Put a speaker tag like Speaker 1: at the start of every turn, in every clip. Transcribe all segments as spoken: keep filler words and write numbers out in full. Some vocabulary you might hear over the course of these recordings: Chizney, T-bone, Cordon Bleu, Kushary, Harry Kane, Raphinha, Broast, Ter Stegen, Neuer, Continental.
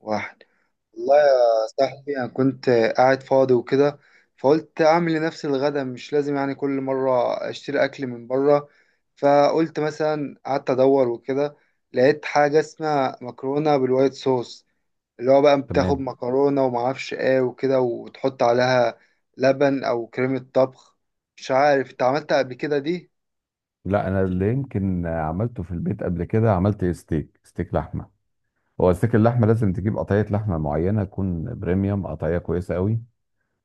Speaker 1: واحد. والله يا صاحبي أنا كنت قاعد فاضي وكده، فقلت أعمل لنفسي الغدا، مش لازم يعني كل مرة أشتري أكل من بره. فقلت مثلا، قعدت أدور وكده لقيت حاجة اسمها مكرونة بالوايت صوص، اللي هو بقى بتاخد
Speaker 2: تمام.
Speaker 1: مكرونة ومعرفش إيه وكده وتحط عليها لبن أو كريمة طبخ. مش عارف أنت عملتها قبل كده دي؟
Speaker 2: لا، انا اللي يمكن عملته في البيت قبل كده عملت ستيك ستيك لحمه. هو ستيك اللحمه لازم تجيب قطعيه لحمه معينه تكون بريميوم، قطعيه كويسه قوي.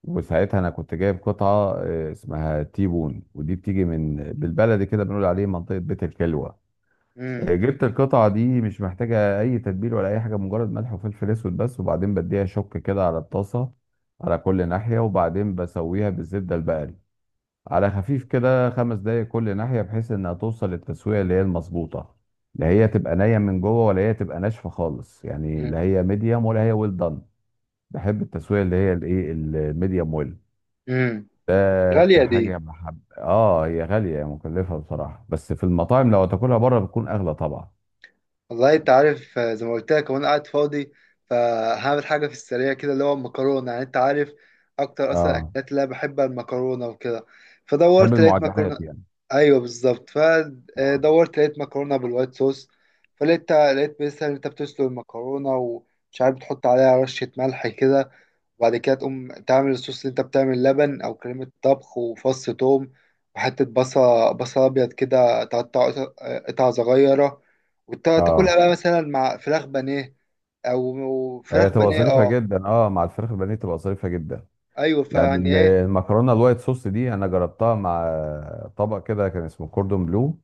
Speaker 2: وساعتها انا كنت جايب قطعه، آه، اسمها تي بون، ودي بتيجي من بالبلدي كده بنقول عليه منطقه بيت الكلوه. آه،
Speaker 1: مم.
Speaker 2: جبت القطعه دي مش محتاجه اي تتبيل ولا اي حاجه، مجرد ملح وفلفل اسود بس، وبعدين بديها شك كده على الطاسه على كل ناحيه، وبعدين بسويها بالزبده البقري على خفيف كده خمس دقايق كل ناحية، بحيث انها توصل للتسوية اللي هي المظبوطة. لا هي تبقى نية من جوه، ولا هي تبقى ناشفة خالص، يعني
Speaker 1: مم.
Speaker 2: لا هي ميديوم ولا هي ويل دان. بحب التسوية اللي هي الايه الميديوم ويل
Speaker 1: مم.
Speaker 2: ده،
Speaker 1: غالية دي.
Speaker 2: كحاجة بحب. اه، هي غالية، هي مكلفة بصراحة، بس في المطاعم لو تاكلها بره بتكون اغلى طبعا.
Speaker 1: والله انت عارف، آه، زي ما قلت لك وانا قاعد فاضي فهعمل حاجه في السريع كده، اللي هو المكرونه، يعني انت عارف اكتر اصلا
Speaker 2: اه.
Speaker 1: الاكلات اللي انا بحبها المكرونه وكده.
Speaker 2: بحب
Speaker 1: فدورت لقيت مكرونه.
Speaker 2: المعجنات يعني.
Speaker 1: ايوه بالظبط،
Speaker 2: اه.
Speaker 1: فدورت لقيت مكرونه بالوايت صوص. فلقيت لقيت مثلا، انت بتسلق المكرونه ومش عارف بتحط عليها رشه ملح كده، وبعد كده تقوم تعمل الصوص، اللي انت بتعمل لبن او كريمة طبخ وفص توم وحتة بصل، بصل ابيض كده تقطع قطع صغيرة، وتاكلها
Speaker 2: اه.
Speaker 1: بقى مثلا مع فراخ بانيه. او فراخ
Speaker 2: هي تبقى
Speaker 1: بانيه،
Speaker 2: ظريفة
Speaker 1: اه.
Speaker 2: جدا، اه، مع الفراخ البانيه تبقى ظريفة جدا.
Speaker 1: ايوه،
Speaker 2: يعني
Speaker 1: فيعني
Speaker 2: ال-
Speaker 1: ايه.
Speaker 2: المكرونه الوايت صوص دي انا جربتها مع طبق كده كان اسمه كوردون بلو.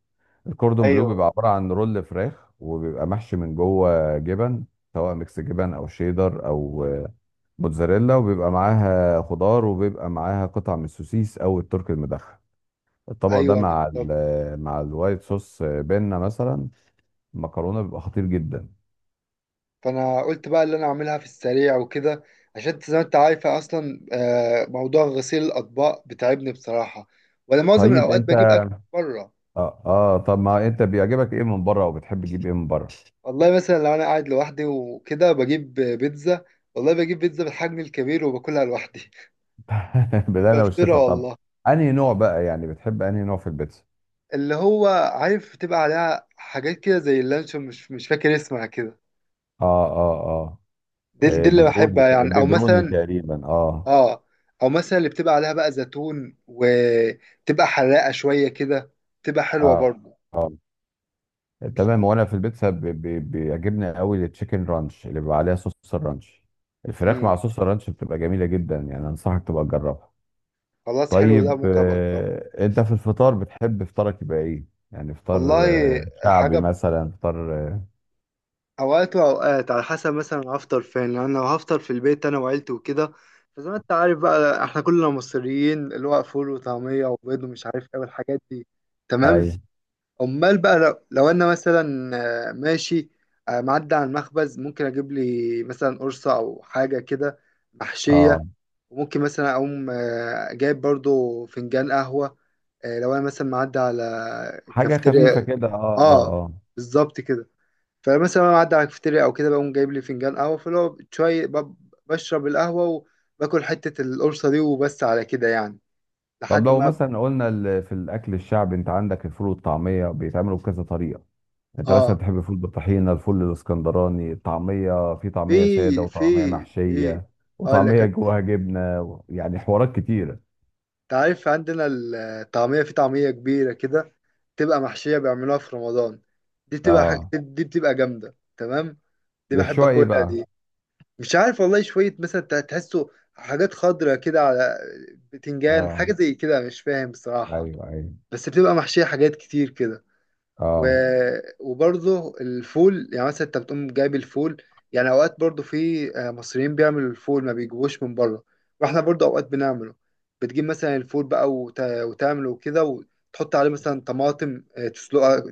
Speaker 2: الكوردون بلو
Speaker 1: ايوه
Speaker 2: بيبقى عباره عن رول فراخ، وبيبقى محشي من جوه جبن، سواء ميكس جبن، او شيدر، او موتزاريلا، وبيبقى معاها خضار، وبيبقى معاها قطع من السوسيس او الترك المدخن. الطبق ده
Speaker 1: ايوه
Speaker 2: مع
Speaker 1: بالظبط.
Speaker 2: ال مع الوايت صوص بينا مثلا، المكرونه، بيبقى خطير جدا.
Speaker 1: فانا قلت بقى اللي انا اعملها في السريع وكده، عشان زي ما انت عارفه اصلا، آه، موضوع غسيل الاطباق بتعبني بصراحه، ولا معظم
Speaker 2: طيب
Speaker 1: الاوقات
Speaker 2: انت،
Speaker 1: بجيب اكل بره.
Speaker 2: اه, آه طب ما انت بيعجبك ايه من بره؟ وبتحب تجيب ايه من بره؟
Speaker 1: والله مثلا لو انا قاعد لوحدي وكده بجيب بيتزا. والله بجيب بيتزا بالحجم الكبير وباكلها لوحدي.
Speaker 2: بالهنا
Speaker 1: بفطرها
Speaker 2: والشفا. طب
Speaker 1: والله.
Speaker 2: انهي نوع بقى يعني، بتحب انهي نوع في البيتزا؟
Speaker 1: اللي هو، عارف بتبقى عليها حاجات كده زي اللانشون، مش مش فاكر اسمها كده.
Speaker 2: اه، اه، اه.
Speaker 1: دي
Speaker 2: آه،
Speaker 1: دي اللي
Speaker 2: بيبروني،
Speaker 1: بحبها يعني، او
Speaker 2: بيبروني
Speaker 1: مثلا.
Speaker 2: تقريبا، اه.
Speaker 1: اه. او مثلا اللي بتبقى عليها بقى زيتون وتبقى حراقه شويه كده، بتبقى حلوه
Speaker 2: اه،
Speaker 1: برضه.
Speaker 2: اه، تمام. وانا في البيتزا ب- ب- بيعجبني قوي التشيكن رانش، اللي بيبقى عليها صوص الرانش، الفراخ
Speaker 1: امم.
Speaker 2: مع صوص الرانش بتبقى جميله جدا يعني، انصحك تبقى تجربها.
Speaker 1: خلاص، حلو ده،
Speaker 2: طيب،
Speaker 1: ممكن ابقى اجربه.
Speaker 2: آه انت في الفطار بتحب فطارك يبقى ايه؟ يعني فطار
Speaker 1: والله،
Speaker 2: آه شعبي
Speaker 1: حاجه
Speaker 2: مثلا، فطار آه.
Speaker 1: اوقات واوقات على حسب مثلا هفطر فين. لان انا لو هفطر في البيت انا وعيلتي وكده، فزي ما انت عارف بقى احنا كلنا مصريين، اللي هو فول وطعميه وبيض ومش عارف ايه والحاجات دي. تمام.
Speaker 2: اي.
Speaker 1: امال بقى لو, لو انا مثلا، آه، ماشي، آه، معدي على المخبز ممكن اجيب لي مثلا قرصه او حاجه كده
Speaker 2: اه.
Speaker 1: محشيه، وممكن مثلا اقوم آه، جايب برضو فنجان قهوه، آه، لو انا مثلا معدي على
Speaker 2: حاجه خفيفه
Speaker 1: كافتيريا.
Speaker 2: كده، اه، اه،
Speaker 1: اه،
Speaker 2: اه.
Speaker 1: بالظبط كده. فمثلا انا معدي على الكافيتيريا او كده بقوم جايب لي فنجان قهوه، فاللي هو شويه ب- بشرب القهوه وباكل حته القرصه دي وبس، على كده يعني.
Speaker 2: طب
Speaker 1: لحد
Speaker 2: لو
Speaker 1: ما أب...
Speaker 2: مثلا قلنا ال- في الاكل الشعبي، انت عندك الفول والطعميه، بيتعملوا بكذا طريقه، انت مثلا
Speaker 1: اه.
Speaker 2: تحب الفول بالطحينه، الفول الاسكندراني، الطعميه في
Speaker 1: في
Speaker 2: طعميه ساده
Speaker 1: في
Speaker 2: وطعميه
Speaker 1: في
Speaker 2: محشيه،
Speaker 1: اقول لك
Speaker 2: وطعميه
Speaker 1: أنا،
Speaker 2: جواها جبنه و- يعني حوارات كتيره.
Speaker 1: انت عارف عندنا الطعميه، في طعميه كبيره كده بتبقى محشيه بيعملوها في رمضان. دي بتبقى ح...
Speaker 2: اه،
Speaker 1: دي بتبقى جامده تمام. دي بحب
Speaker 2: بيحشوها ايه
Speaker 1: اكلها
Speaker 2: بقى؟
Speaker 1: دي. مش عارف والله، شويه مثلا تحسه حاجات خضرة كده، على بتنجان،
Speaker 2: اه،
Speaker 1: حاجه زي كده، مش فاهم بصراحه.
Speaker 2: ايوه، ايوه.
Speaker 1: بس بتبقى محشية حاجات كتير كده. و...
Speaker 2: اه.
Speaker 1: وبرضه الفول، يعني مثلا انت بتقوم جايب الفول. يعني اوقات برضه في آه، مصريين بيعملوا الفول ما بيجيبوش من بره، واحنا برضه اوقات بنعمله. بتجيب مثلا الفول بقى وت... وتعمله كده وتحط عليه مثلا طماطم، آه، تسلقها،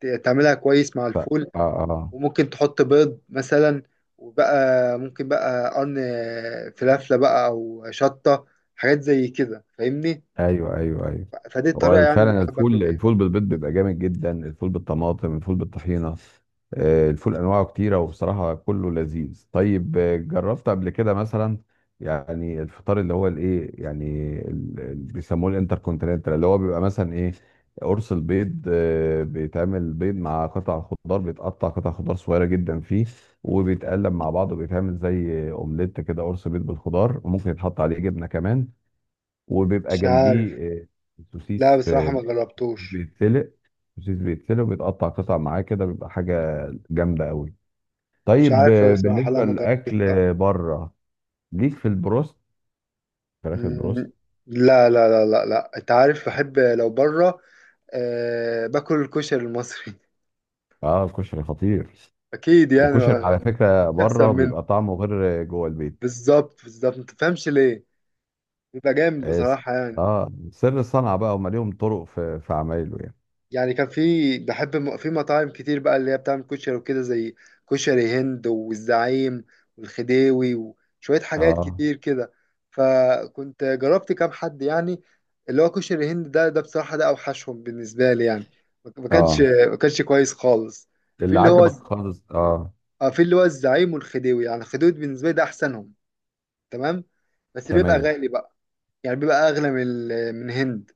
Speaker 1: ت- تعملها كويس مع
Speaker 2: ف...
Speaker 1: الفول.
Speaker 2: اه. اه،
Speaker 1: وممكن تحط بيض مثلا. وبقى ممكن بقى قرن آه، فلافلة بقى او شطة، حاجات زي كده، فاهمني.
Speaker 2: ايوه، ايوه، ايوه.
Speaker 1: فدي الطريقة
Speaker 2: هو
Speaker 1: يعني اللي
Speaker 2: فعلا
Speaker 1: بحب اكله
Speaker 2: الفول،
Speaker 1: بيها.
Speaker 2: الفول بالبيض بيبقى جامد جدا، الفول بالطماطم، الفول بالطحينه، آه، الفول انواعه كتيره، وبصراحه كله لذيذ. طيب، آه، جربت قبل كده مثلا يعني الفطار اللي هو الايه يعني ال- ال- بيسموه الانتركونتيننتال، اللي هو بيبقى مثلا ايه، قرص البيض، آه، بيتعمل بيض مع قطع خضار، بيتقطع قطع خضار صغيره جدا فيه، وبيتقلب مع بعض، وبيتعمل زي اومليت كده، قرص بيض بالخضار، وممكن يتحط عليه جبنه كمان، وبيبقى
Speaker 1: مش
Speaker 2: جنبيه
Speaker 1: عارف.
Speaker 2: آه،
Speaker 1: لا،
Speaker 2: سوسيس،
Speaker 1: بصراحة
Speaker 2: آه،
Speaker 1: ما جربتوش.
Speaker 2: بيتسلق سوسيس، بيتسلق وبيتقطع قطع معاه كده، بيبقى حاجة جامدة قوي.
Speaker 1: مش
Speaker 2: طيب،
Speaker 1: عارف
Speaker 2: آه،
Speaker 1: بصراحة، لا
Speaker 2: بالنسبة
Speaker 1: ما جربتوش
Speaker 2: للأكل
Speaker 1: لا.
Speaker 2: بره، ليك في البروست، فراخ البروست.
Speaker 1: مم، لا لا لا لا لا، انت عارف بحب لو بره، آه، باكل الكشري المصري.
Speaker 2: اه، الكشري خطير.
Speaker 1: اكيد يعني، ما
Speaker 2: وكشري على
Speaker 1: ما
Speaker 2: فكرة
Speaker 1: فيش احسن
Speaker 2: بره
Speaker 1: منه.
Speaker 2: بيبقى طعمه غير جوه البيت.
Speaker 1: بالظبط بالظبط، ما تفهمش ليه. بيبقى جامد
Speaker 2: اه س-
Speaker 1: بصراحة يعني.
Speaker 2: آه، سر الصنعة بقى، هم ليهم طرق في في عمايله يعني.
Speaker 1: يعني كان في، بحب م- في مطاعم كتير بقى اللي هي بتعمل كشري وكده، زي كشري هند والزعيم والخديوي وشوية حاجات
Speaker 2: اه.
Speaker 1: كتير كده. فكنت جربت كام حد يعني. اللي هو كشري هند ده ده بصراحة، ده أوحشهم بالنسبة لي يعني، ما ما كانش
Speaker 2: اه،
Speaker 1: ما كانش كويس خالص. في
Speaker 2: اللي
Speaker 1: اللي هو
Speaker 2: عجبك خالص، اه.
Speaker 1: آه، في اللي هو الزعيم والخديوي. يعني الخديوي بالنسبة لي ده أحسنهم. تمام. بس بيبقى
Speaker 2: تمام.
Speaker 1: غالي بقى، يعني بيبقى اغلى من ال- من هند،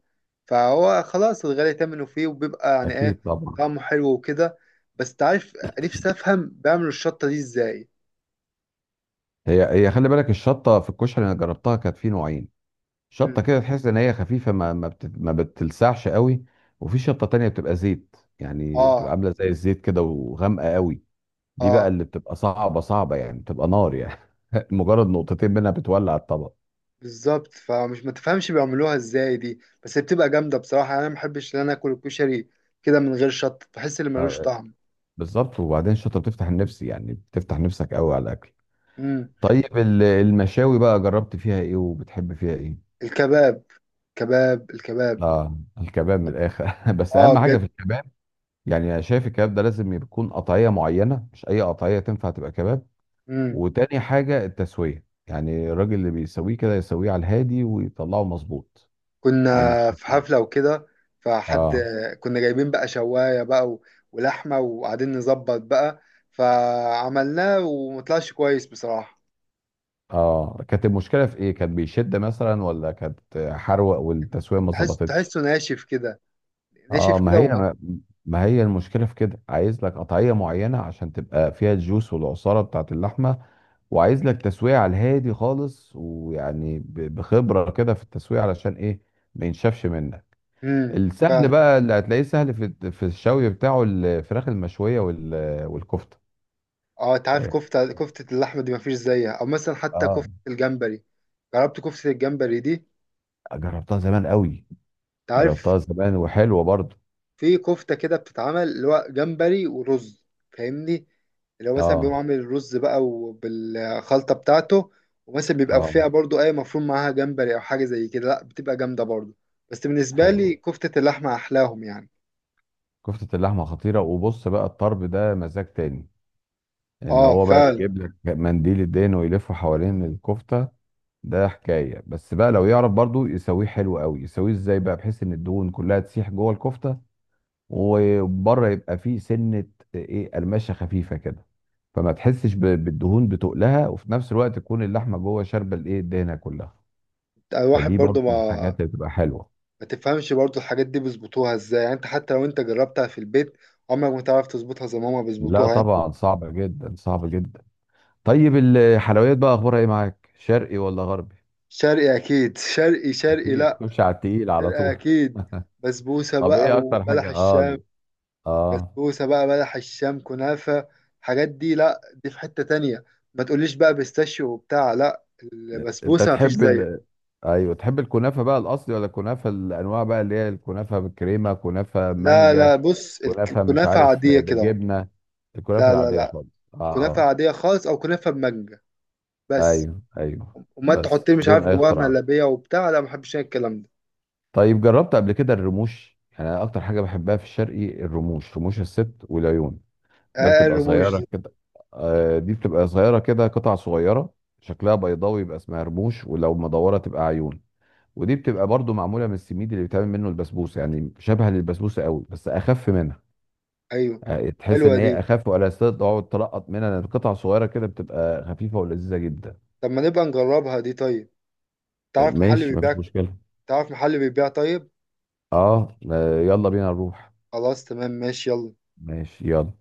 Speaker 1: فهو خلاص الغالي ثمنه فيه، وبيبقى يعني ايه،
Speaker 2: اكيد طبعا.
Speaker 1: طعمه حلو وكده. بس انت عارف، نفسي افهم بيعملوا الشطة دي ازاي.
Speaker 2: هي هي خلي بالك، الشطه في الكشري انا جربتها، كانت في نوعين، شطه
Speaker 1: مم.
Speaker 2: كده تحس ان هي خفيفه، ما ما, بت... ما بتلسعش قوي. وفي شطه تانية بتبقى زيت، يعني بتبقى
Speaker 1: اه
Speaker 2: عامله زي الزيت كده، وغامقه قوي. دي بقى
Speaker 1: اه.
Speaker 2: اللي بتبقى صعبه صعبه يعني، بتبقى نار يعني. مجرد نقطتين منها بتولع الطبق.
Speaker 1: بالظبط، فمش ما تفهمش بيعملوها ازاي دي، بس هي بتبقى جامدة بصراحة يعني. انا ما بحبش ان انا اكل الكشري كده من غير شطة، بحس ان ملوش
Speaker 2: آه،
Speaker 1: طعم.
Speaker 2: بالظبط، وبعدين الشطه بتفتح النفس، يعني بتفتح نفسك قوي على الاكل.
Speaker 1: مم.
Speaker 2: طيب، ال- المشاوي بقى، جربت فيها ايه؟ وبتحب فيها ايه؟
Speaker 1: الكباب، كباب، الكباب.
Speaker 2: اه، الكباب من الاخر. بس اهم
Speaker 1: اه
Speaker 2: حاجه في
Speaker 1: بجد.
Speaker 2: الكباب يعني، انا شايف الكباب ده لازم يكون قطعيه معينه، مش اي قطعيه تنفع تبقى كباب.
Speaker 1: مم.
Speaker 2: وتاني حاجة التسوية، يعني الراجل اللي بيسويه كده يسويه على الهادي ويطلعه مظبوط،
Speaker 1: كنا
Speaker 2: ما
Speaker 1: في حفلة
Speaker 2: ينشفوش.
Speaker 1: وكده، فحد،
Speaker 2: اه.
Speaker 1: كنا جايبين بقى شواية بقى و- ولحمة، وقاعدين نظبط بقى، فعملناه ومطلعش كويس بصراحة.
Speaker 2: اه، كانت المشكلة في ايه؟ كان بيشد مثلا؟ ولا كانت حروق والتسوية ما
Speaker 1: تحس
Speaker 2: ظبطتش؟
Speaker 1: تحسه ناشف كده.
Speaker 2: اه،
Speaker 1: ناشف
Speaker 2: ما
Speaker 1: كده
Speaker 2: هي
Speaker 1: وم...
Speaker 2: ما ما هي المشكلة في كده، عايز لك قطعية معينة عشان تبقى فيها الجوس والعصارة بتاعت اللحمة، وعايز لك تسوية على الهادي خالص، ويعني ب- بخبرة كده في التسوية، علشان ايه، ما ينشفش منك.
Speaker 1: امم
Speaker 2: السهل
Speaker 1: ف...
Speaker 2: بقى اللي هتلاقيه سهل في في الشوي بتاعه، الفراخ المشوية وال- والكفتة.
Speaker 1: اه. انت عارف، كفتة كفتة اللحمة دي مفيش زيها، او مثلا حتى
Speaker 2: اه،
Speaker 1: كفتة الجمبري. جربت كفتة الجمبري دي؟
Speaker 2: جربتها زمان قوي،
Speaker 1: انت عارف،
Speaker 2: جربتها زمان وحلوة برضو.
Speaker 1: في كفتة كده بتتعمل اللي هو جمبري ورز، فاهمني، اللي هو مثلا بيقوم
Speaker 2: اه.
Speaker 1: عامل الرز بقى وبالخلطة بتاعته، ومثلا بيبقى
Speaker 2: اه،
Speaker 1: فيها برضو أي مفروم، معاها جمبري أو حاجة زي كده، لأ بتبقى جامدة برضو. بس بالنسبة
Speaker 2: حلوة.
Speaker 1: لي كفتة اللحمة أحلاهم يعني.
Speaker 2: كفتة اللحمة خطيرة. وبص بقى، الطرب ده مزاج تاني، ان
Speaker 1: اه
Speaker 2: هو بقى
Speaker 1: فعلا.
Speaker 2: بيجيب لك منديل الدهن ويلفه حوالين الكفتة. ده حكاية. بس بقى لو يعرف برضو يسويه حلو قوي، يسويه ازاي بقى بحيث ان الدهون كلها تسيح جوه الكفتة، وبره يبقى فيه سنه ايه، قرمشه خفيفه كده، فما تحسش ب- بالدهون بتقلها، وفي نفس الوقت تكون اللحمه جوه شاربه الايه الدهنه كلها.
Speaker 1: الواحد
Speaker 2: فدي برضه
Speaker 1: برضو
Speaker 2: من
Speaker 1: ما
Speaker 2: الحاجات اللي بتبقى حلوه.
Speaker 1: ما تفهمش برضو الحاجات دي بيظبطوها ازاي يعني. انت حتى لو انت جربتها في البيت عمرك ما تعرف تظبطها زي ما هما
Speaker 2: لا
Speaker 1: بيظبطوها يعني.
Speaker 2: طبعا، صعبه جدا، صعبه جدا. طيب، الحلويات بقى اخبارها ايه معاك، شرقي ولا غربي؟
Speaker 1: شرقي أكيد. شرقي شرقي،
Speaker 2: اكيد
Speaker 1: لأ.
Speaker 2: تخش على التقيل على
Speaker 1: شرقي
Speaker 2: طول.
Speaker 1: أكيد. بسبوسة
Speaker 2: طب
Speaker 1: بقى
Speaker 2: ايه اكتر
Speaker 1: وبلح
Speaker 2: حاجه؟ اه.
Speaker 1: الشام.
Speaker 2: اه،
Speaker 1: بسبوسة بقى، بلح الشام، كنافة. الحاجات دي، لا دي في حتة تانية. ما تقوليش بقى بيستاشيو وبتاع، لا.
Speaker 2: انت
Speaker 1: البسبوسة مفيش
Speaker 2: تحب
Speaker 1: زيها.
Speaker 2: ال... ايوه، تحب الكنافه بقى الاصلي، ولا الكنافه الانواع بقى اللي هي الكنافه بالكريمه، كنافه
Speaker 1: لا لا،
Speaker 2: مانجا،
Speaker 1: بص،
Speaker 2: كنافه مش
Speaker 1: الكنافة
Speaker 2: عارف
Speaker 1: عادية كده اهو.
Speaker 2: بالجبنه؟ الكنافه
Speaker 1: لا لا
Speaker 2: العاديه
Speaker 1: لا،
Speaker 2: خالص. اه.
Speaker 1: كنافة
Speaker 2: اه،
Speaker 1: عادية خالص أو كنافة بمانجا بس.
Speaker 2: ايوه، ايوه،
Speaker 1: وما تحط
Speaker 2: بس
Speaker 1: لي مش عارف
Speaker 2: بدون اي
Speaker 1: جواها
Speaker 2: اختراعات.
Speaker 1: مهلبية وبتاع، لا، ما بحبش أنا الكلام ده.
Speaker 2: طيب، جربت قبل كده الرموش؟ يعني أنا اكتر حاجه بحبها في الشرقي الرموش، رموش الست والعيون. ده
Speaker 1: آه،
Speaker 2: بتبقى
Speaker 1: الرموش
Speaker 2: صغيره
Speaker 1: دي.
Speaker 2: كده. آه، دي بتبقى صغيره كده، قطع صغيره، شكلها بيضاوي يبقى اسمها رموش، ولو مدوره تبقى عيون. ودي بتبقى برضو معموله من السميد اللي بيتعمل منه البسبوسه، يعني شبه للبسبوسه قوي بس اخف منها.
Speaker 1: أيوه.
Speaker 2: آه، تحس ان
Speaker 1: حلوة
Speaker 2: هي
Speaker 1: دي.
Speaker 2: اخف، ولا ستيل تقعد تلقط منها، لأن قطع صغيره كده بتبقى خفيفه ولذيذه جدا.
Speaker 1: طب ما نبقى نجربها دي، طيب.
Speaker 2: آه،
Speaker 1: تعرف محل
Speaker 2: ماشي، مفيش
Speaker 1: بيبيع.
Speaker 2: مشكله.
Speaker 1: تعرف محل بيبيع، طيب.
Speaker 2: اه. آه، يلا بينا نروح.
Speaker 1: خلاص تمام، ماشي يلا.
Speaker 2: ماشي يلا.